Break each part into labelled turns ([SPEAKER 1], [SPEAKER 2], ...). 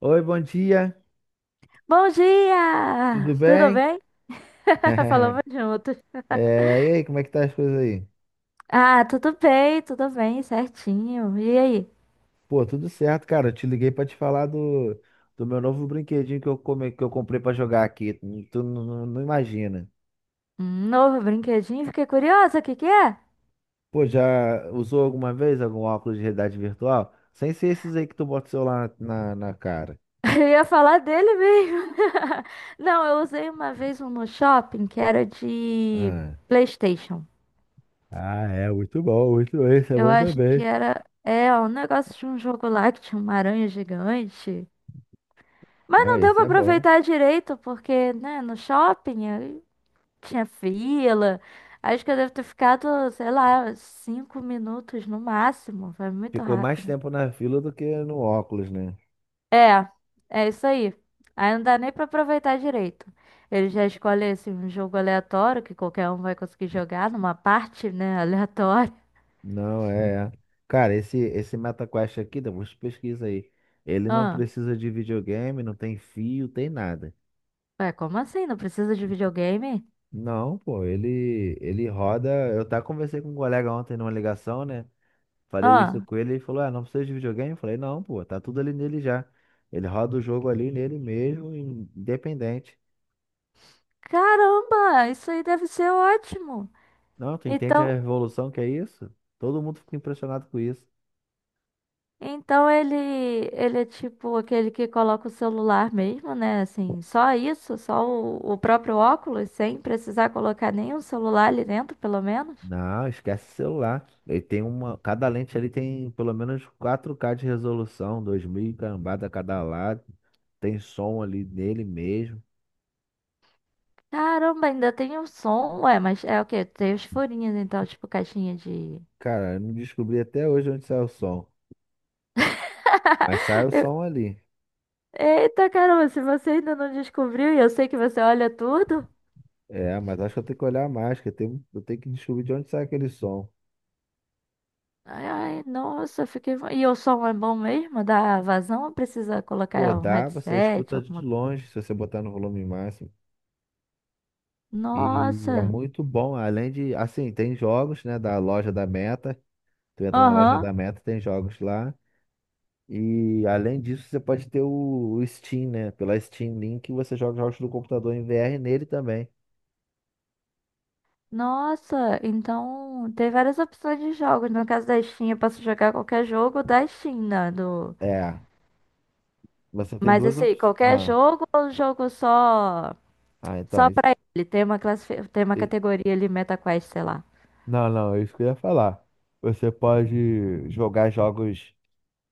[SPEAKER 1] Oi, bom dia,
[SPEAKER 2] Bom
[SPEAKER 1] tudo
[SPEAKER 2] dia! Tudo
[SPEAKER 1] bem?
[SPEAKER 2] bem? Falamos juntos.
[SPEAKER 1] E aí, como é que tá as coisas aí?
[SPEAKER 2] Ah, tudo bem, certinho. E aí?
[SPEAKER 1] Pô, tudo certo, cara. Eu te liguei pra te falar do meu novo brinquedinho que eu comprei pra jogar aqui. Tu não imagina.
[SPEAKER 2] Um novo brinquedinho? Fiquei curiosa, o que que é?
[SPEAKER 1] Pô, já usou alguma vez algum óculos de realidade virtual? Sem ser esses aí que tu bota o celular na cara.
[SPEAKER 2] Eu ia falar dele mesmo. Não, eu usei uma vez um no shopping que era de
[SPEAKER 1] Ah,
[SPEAKER 2] PlayStation.
[SPEAKER 1] Ah, é, muito bom, muito bom. Esse é
[SPEAKER 2] Eu
[SPEAKER 1] bom
[SPEAKER 2] acho que
[SPEAKER 1] também.
[SPEAKER 2] era, é, um negócio de um jogo lá que tinha uma aranha gigante. Mas
[SPEAKER 1] Não,
[SPEAKER 2] não deu
[SPEAKER 1] esse
[SPEAKER 2] pra
[SPEAKER 1] é bom.
[SPEAKER 2] aproveitar direito, porque, né, no shopping, tinha fila. Acho que eu devo ter ficado, sei lá, 5 minutos no máximo. Foi muito
[SPEAKER 1] Ficou mais
[SPEAKER 2] rápido.
[SPEAKER 1] tempo na fila do que no óculos, né?
[SPEAKER 2] É, é isso aí. Aí não dá nem pra aproveitar direito. Ele já escolhe assim, um jogo aleatório que qualquer um vai conseguir jogar numa parte, né, aleatória.
[SPEAKER 1] Não, é. Cara, esse MetaQuest aqui, depois pesquisa aí. Ele não
[SPEAKER 2] Ah,
[SPEAKER 1] precisa de videogame, não tem fio, tem nada.
[SPEAKER 2] ué, como assim? Não precisa de videogame?
[SPEAKER 1] Não, pô, ele roda. Eu até conversei com um colega ontem numa ligação, né? Falei isso
[SPEAKER 2] Ah,
[SPEAKER 1] com ele, ele falou: "Ah, não precisa de videogame?" Eu falei: "Não, pô, tá tudo ali nele já." Ele roda o jogo ali nele mesmo, independente.
[SPEAKER 2] caramba, isso aí deve ser ótimo.
[SPEAKER 1] Não, tu entende
[SPEAKER 2] Então,
[SPEAKER 1] a revolução que é isso? Todo mundo fica impressionado com isso.
[SPEAKER 2] Então ele, ele é tipo aquele que coloca o celular mesmo, né? Assim, só isso, só o próprio óculos, sem precisar colocar nenhum celular ali dentro, pelo menos.
[SPEAKER 1] Não, esquece o celular. Ele tem uma. Cada lente ali tem pelo menos 4K de resolução, 2000 e cambada a cada lado. Tem som ali nele mesmo.
[SPEAKER 2] Caramba, ainda tem o som. Ué, mas é o quê? Tem os furinhos, então, tipo caixinha de.
[SPEAKER 1] Cara, eu não descobri até hoje onde sai o som. Mas sai o
[SPEAKER 2] Eu-
[SPEAKER 1] som ali.
[SPEAKER 2] Eita, caramba, se você ainda não descobriu, e eu sei que você olha tudo.
[SPEAKER 1] É, mas acho que eu tenho que olhar mais, eu tenho que descobrir de onde sai aquele som.
[SPEAKER 2] Ai, ai, nossa, fiquei. E o som é bom mesmo? Dá vazão ou precisa
[SPEAKER 1] Pô,
[SPEAKER 2] colocar um
[SPEAKER 1] dá, você
[SPEAKER 2] headset,
[SPEAKER 1] escuta
[SPEAKER 2] alguma
[SPEAKER 1] de
[SPEAKER 2] coisa?
[SPEAKER 1] longe, se você botar no volume máximo. E é
[SPEAKER 2] Nossa,
[SPEAKER 1] muito bom. Além de, assim, tem jogos, né, da loja da Meta. Tu entra na loja
[SPEAKER 2] aham.
[SPEAKER 1] da Meta, tem jogos lá. E além disso, você pode ter o Steam, né? Pela Steam Link, você joga jogos do computador em VR nele também.
[SPEAKER 2] Nossa, então tem várias opções de jogos. No caso da Steam, eu posso jogar qualquer jogo da Steam, né? Do...
[SPEAKER 1] É, você tem
[SPEAKER 2] Mas
[SPEAKER 1] duas
[SPEAKER 2] assim,
[SPEAKER 1] opções.
[SPEAKER 2] qualquer jogo ou um jogo só
[SPEAKER 1] Ah, então,
[SPEAKER 2] só
[SPEAKER 1] isso,
[SPEAKER 2] pra ele? Tem uma tem uma
[SPEAKER 1] e-
[SPEAKER 2] categoria ali, MetaQuest, sei lá.
[SPEAKER 1] não, não, é isso que eu ia falar. Você pode jogar jogos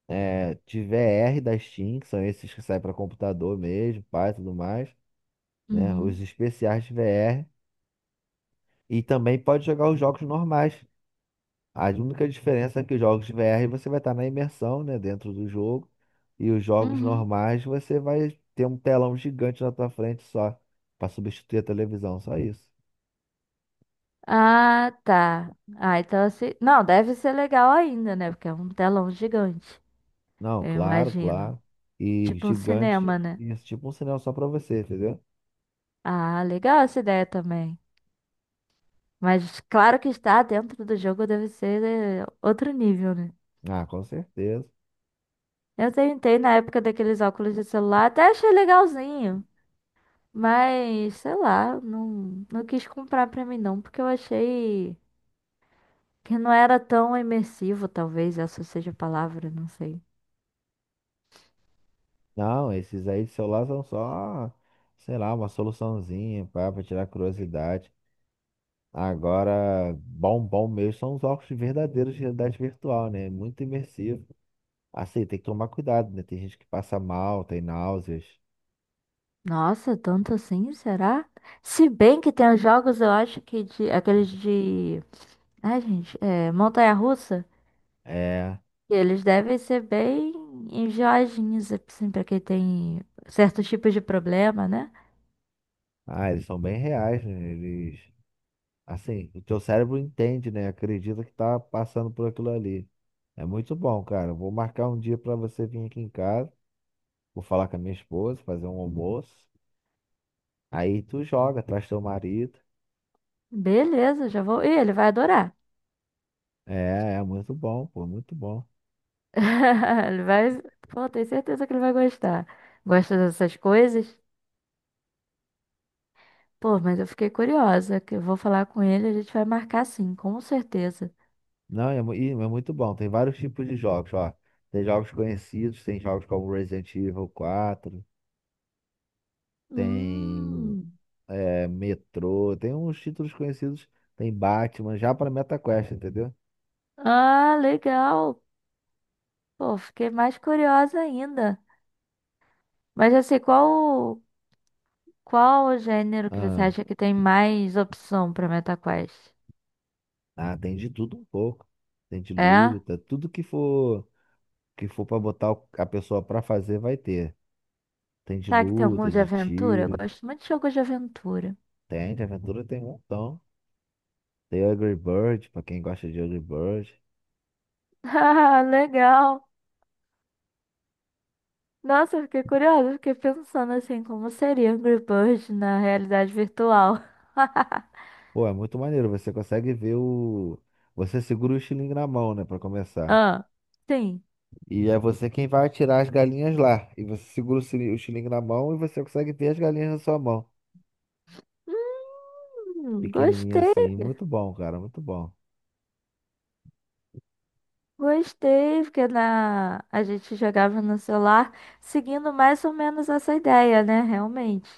[SPEAKER 1] de V R da Steam, que são esses que saem para computador mesmo, pai, tudo mais, né? Os
[SPEAKER 2] Uhum.
[SPEAKER 1] especiais de VR. E também pode jogar os jogos normais. A única diferença é que os jogos de VR você vai estar na imersão, né, dentro do jogo, e os jogos
[SPEAKER 2] Uhum.
[SPEAKER 1] normais você vai ter um telão gigante na tua frente só, para substituir a televisão, só isso.
[SPEAKER 2] Ah, tá. Ah, então assim. Não, deve ser legal ainda, né? Porque é um telão gigante,
[SPEAKER 1] Não,
[SPEAKER 2] eu
[SPEAKER 1] claro,
[SPEAKER 2] imagino.
[SPEAKER 1] claro. E
[SPEAKER 2] Tipo um
[SPEAKER 1] gigante,
[SPEAKER 2] cinema, né?
[SPEAKER 1] isso tipo um sinal só para você, entendeu?
[SPEAKER 2] Ah, legal essa ideia também. Mas claro que estar dentro do jogo deve ser outro nível, né?
[SPEAKER 1] Ah, com certeza.
[SPEAKER 2] Eu tentei na época daqueles óculos de celular, até achei legalzinho. Mas, sei lá, não, não quis comprar pra mim não, porque eu achei que não era tão imersivo, talvez essa seja a palavra, não sei.
[SPEAKER 1] Não, esses aí de celular são só, sei lá, uma soluçãozinha para tirar curiosidade. Agora, bom mesmo são os óculos verdadeiros de realidade virtual, né? Muito imersivo. Assim, tem que tomar cuidado, né? Tem gente que passa mal, tem náuseas.
[SPEAKER 2] Nossa, tanto assim, será? Se bem que tem os jogos, eu acho que de, aqueles de. Ai, gente, é, montanha-russa,
[SPEAKER 1] É.
[SPEAKER 2] que eles devem ser bem enjoadinhos, assim, pra quem tem certos tipos de problema, né?
[SPEAKER 1] Ah, eles são bem reais, né? Eles. Assim, o teu cérebro entende, né? Acredita que tá passando por aquilo ali. É muito bom, cara. Vou marcar um dia pra você vir aqui em casa. Vou falar com a minha esposa, fazer um almoço. Aí tu joga, traz teu marido.
[SPEAKER 2] Beleza, já vou. Ih, ele vai adorar.
[SPEAKER 1] É, é muito bom, pô, muito bom.
[SPEAKER 2] Ele vai. Pô, tenho certeza que ele vai gostar. Gosta dessas coisas? Pô, mas eu fiquei curiosa, que eu vou falar com ele, a gente vai marcar sim, com certeza.
[SPEAKER 1] Não, é muito bom. Tem vários tipos de jogos, ó. Tem jogos conhecidos, tem jogos como Resident Evil 4. Tem
[SPEAKER 2] Hum.
[SPEAKER 1] Metrô, tem uns títulos conhecidos, tem Batman, já para MetaQuest, entendeu?
[SPEAKER 2] Ah, legal. Pô, fiquei mais curiosa ainda. Mas assim, qual o gênero que você
[SPEAKER 1] Ah,
[SPEAKER 2] acha que tem mais opção para MetaQuest?
[SPEAKER 1] ah, tem de tudo um pouco. Tem de
[SPEAKER 2] É?
[SPEAKER 1] luta, tudo que for para botar a pessoa para fazer vai ter. Tem de
[SPEAKER 2] Tá, que tem algum
[SPEAKER 1] luta,
[SPEAKER 2] de
[SPEAKER 1] de
[SPEAKER 2] aventura? Eu
[SPEAKER 1] tiro,
[SPEAKER 2] gosto muito de jogos de aventura.
[SPEAKER 1] tem de aventura, tem um montão. Tem Angry Bird, para quem gosta de Angry Bird.
[SPEAKER 2] Ah, legal. Nossa, eu fiquei curiosa, eu fiquei pensando assim, como seria Angry Birds na realidade virtual?
[SPEAKER 1] Pô, é muito maneiro, você segura o estilingue na mão, né, para começar.
[SPEAKER 2] Ah, sim.
[SPEAKER 1] E é você quem vai atirar as galinhas lá. E você segura o o xilingue na mão e você consegue ver as galinhas na sua mão. Pequenininha
[SPEAKER 2] Gostei,
[SPEAKER 1] assim. Muito bom, cara. Muito bom.
[SPEAKER 2] gostei, porque na... a gente jogava no celular seguindo mais ou menos essa ideia, né? Realmente.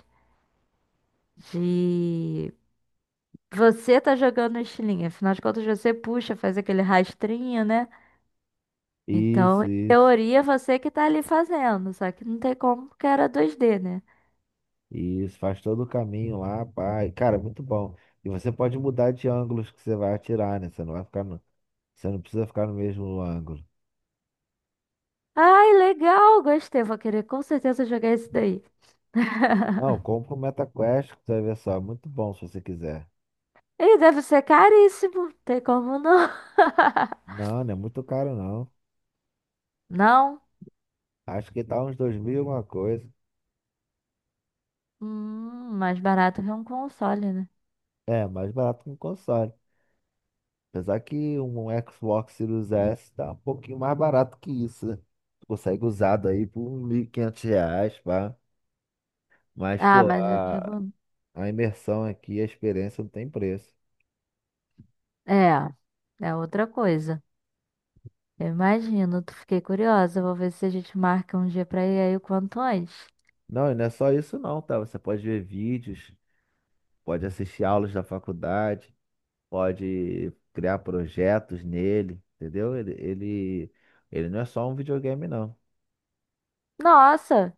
[SPEAKER 2] De você tá jogando estilingue, afinal de contas você puxa, faz aquele rastrinho, né? Então,
[SPEAKER 1] Isso,
[SPEAKER 2] em
[SPEAKER 1] isso.
[SPEAKER 2] teoria, você que tá ali fazendo, só que não tem como porque era 2D, né?
[SPEAKER 1] Isso. Faz todo o caminho lá, pai. Cara, muito bom. E você pode mudar de ângulos que você vai atirar, né? Você não precisa ficar no mesmo ângulo.
[SPEAKER 2] Ai, legal, gostei. Vou querer com certeza jogar esse daí.
[SPEAKER 1] Não, compra o MetaQuest, que você vai ver só. Muito bom se você quiser.
[SPEAKER 2] Ele deve ser caríssimo, tem como não?
[SPEAKER 1] Não, não é muito caro, não.
[SPEAKER 2] Não?
[SPEAKER 1] Acho que tá uns 2000 e alguma coisa.
[SPEAKER 2] Mais barato que um console, né?
[SPEAKER 1] É, mais barato que um console. Apesar que um Xbox Series S tá um pouquinho mais barato que isso, né? Tu consegue usado aí por R$ 1.500, pá. Mas,
[SPEAKER 2] Ah,
[SPEAKER 1] pô,
[SPEAKER 2] mas eu
[SPEAKER 1] a,
[SPEAKER 2] digo.
[SPEAKER 1] a imersão aqui, a experiência não tem preço.
[SPEAKER 2] É, é outra coisa. Eu imagino, tu fiquei curiosa. Vou ver se a gente marca um dia pra ir aí o quanto antes.
[SPEAKER 1] Não, e não é só isso não, tá? Você pode ver vídeos, pode assistir aulas da faculdade, pode criar projetos nele, entendeu? Ele não é só um videogame, não.
[SPEAKER 2] Nossa!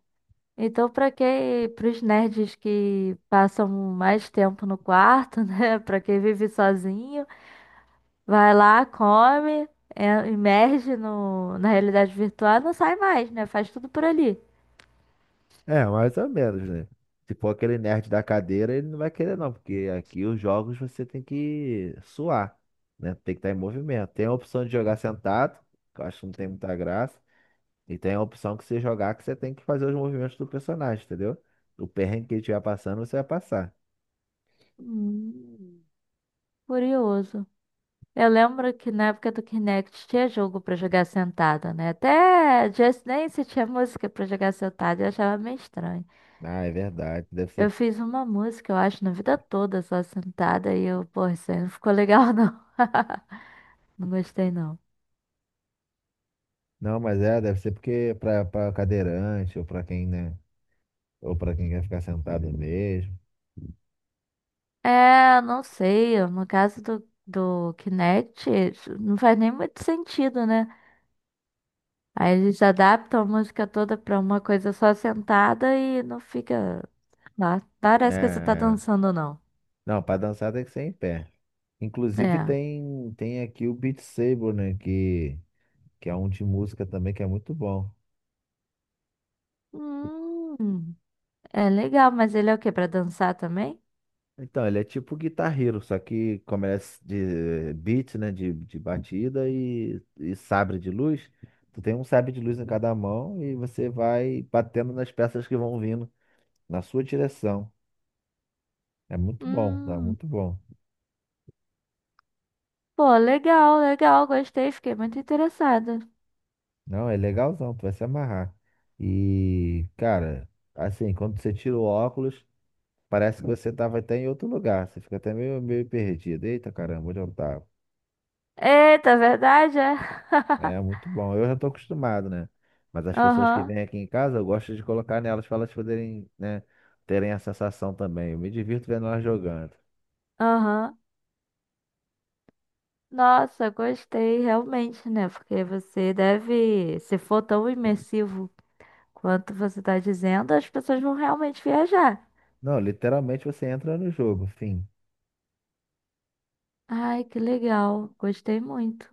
[SPEAKER 2] Então, pra quem, pros nerds que passam mais tempo no quarto, né? Pra quem vive sozinho. Vai lá, imerge na realidade virtual, não sai mais, né? Faz tudo por ali.
[SPEAKER 1] É, mais ou menos, né? Se for aquele nerd da cadeira, ele não vai querer não, porque aqui os jogos você tem que suar, né? Tem que estar em movimento. Tem a opção de jogar sentado, que eu acho que não tem muita graça, e tem a opção que você jogar que você tem que fazer os movimentos do personagem, entendeu? O perrengue que ele estiver passando, você vai passar.
[SPEAKER 2] Hum. Curioso. Eu lembro que na época do Kinect tinha jogo pra jogar sentada, né? Até Just Dance tinha música pra jogar sentada, eu achava meio estranho.
[SPEAKER 1] Ah, é verdade. Deve
[SPEAKER 2] Eu
[SPEAKER 1] ser.
[SPEAKER 2] fiz uma música, eu acho, na vida toda só sentada e eu, pô, isso aí não ficou legal não. Não gostei não.
[SPEAKER 1] Não, mas é, deve ser porque pra cadeirante, ou pra quem, né? Ou pra quem quer ficar sentado mesmo.
[SPEAKER 2] É, não sei, no caso do Kinect, isso não faz nem muito sentido, né? Aí eles adaptam a música toda pra uma coisa só sentada e não fica lá.
[SPEAKER 1] É,
[SPEAKER 2] Parece que você tá
[SPEAKER 1] é.
[SPEAKER 2] dançando, não.
[SPEAKER 1] Não, pra dançar tem que ser em pé. Inclusive
[SPEAKER 2] É.
[SPEAKER 1] tem aqui o Beat Saber, né? Que é um de música também que é muito bom.
[SPEAKER 2] Hum, é legal, mas ele é o quê? Pra dançar também?
[SPEAKER 1] Então, ele é tipo Guitar Hero, só que como ele é de beat, né? De batida e sabre de luz. Tu tem um sabre de luz em cada mão e você vai batendo nas peças que vão vindo na sua direção. É muito bom, é
[SPEAKER 2] Hum,
[SPEAKER 1] muito bom.
[SPEAKER 2] pô, legal, legal, gostei, fiquei muito interessada.
[SPEAKER 1] Não, é legalzão, tu vai se amarrar. E, cara, assim, quando você tira o óculos. Parece que você tava até em outro lugar. Você fica até meio perdido. Eita, caramba, onde eu tava?
[SPEAKER 2] Eita, verdade, é?
[SPEAKER 1] É muito bom. Eu já tô acostumado, né? Mas as pessoas que
[SPEAKER 2] Aham,
[SPEAKER 1] vêm aqui em casa, eu gosto de colocar nelas para elas poderem, né, terem a sensação também. Eu me divirto vendo elas jogando.
[SPEAKER 2] aham. Nossa, gostei, realmente, né? Porque você deve, se for tão imersivo quanto você tá dizendo, as pessoas vão realmente viajar.
[SPEAKER 1] Não, literalmente você entra no jogo, fim.
[SPEAKER 2] Ai, que legal. Gostei muito.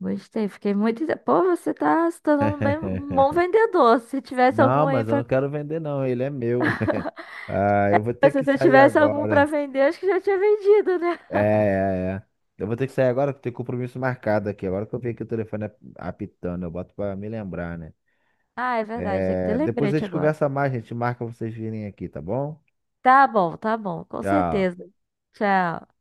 [SPEAKER 2] Gostei. Fiquei muito. Pô, você tá se tornando bem um bom vendedor. Se tivesse
[SPEAKER 1] Não,
[SPEAKER 2] algum aí
[SPEAKER 1] mas eu
[SPEAKER 2] pra.
[SPEAKER 1] não quero vender, não. Ele é meu. Ah, eu vou ter
[SPEAKER 2] Se
[SPEAKER 1] que
[SPEAKER 2] você
[SPEAKER 1] sair
[SPEAKER 2] tivesse algum pra
[SPEAKER 1] agora.
[SPEAKER 2] vender, acho que já tinha vendido, né?
[SPEAKER 1] É, é, é. Eu vou ter que sair agora, porque tem compromisso marcado aqui. Agora que eu vi que o telefone apitando, eu boto pra me lembrar, né?
[SPEAKER 2] Ah, é verdade. Tem que ter
[SPEAKER 1] É, depois a
[SPEAKER 2] lembrete
[SPEAKER 1] gente
[SPEAKER 2] agora.
[SPEAKER 1] conversa mais, gente marca vocês virem aqui, tá bom?
[SPEAKER 2] Tá bom, tá bom. Com
[SPEAKER 1] Tchau.
[SPEAKER 2] certeza. Tchau.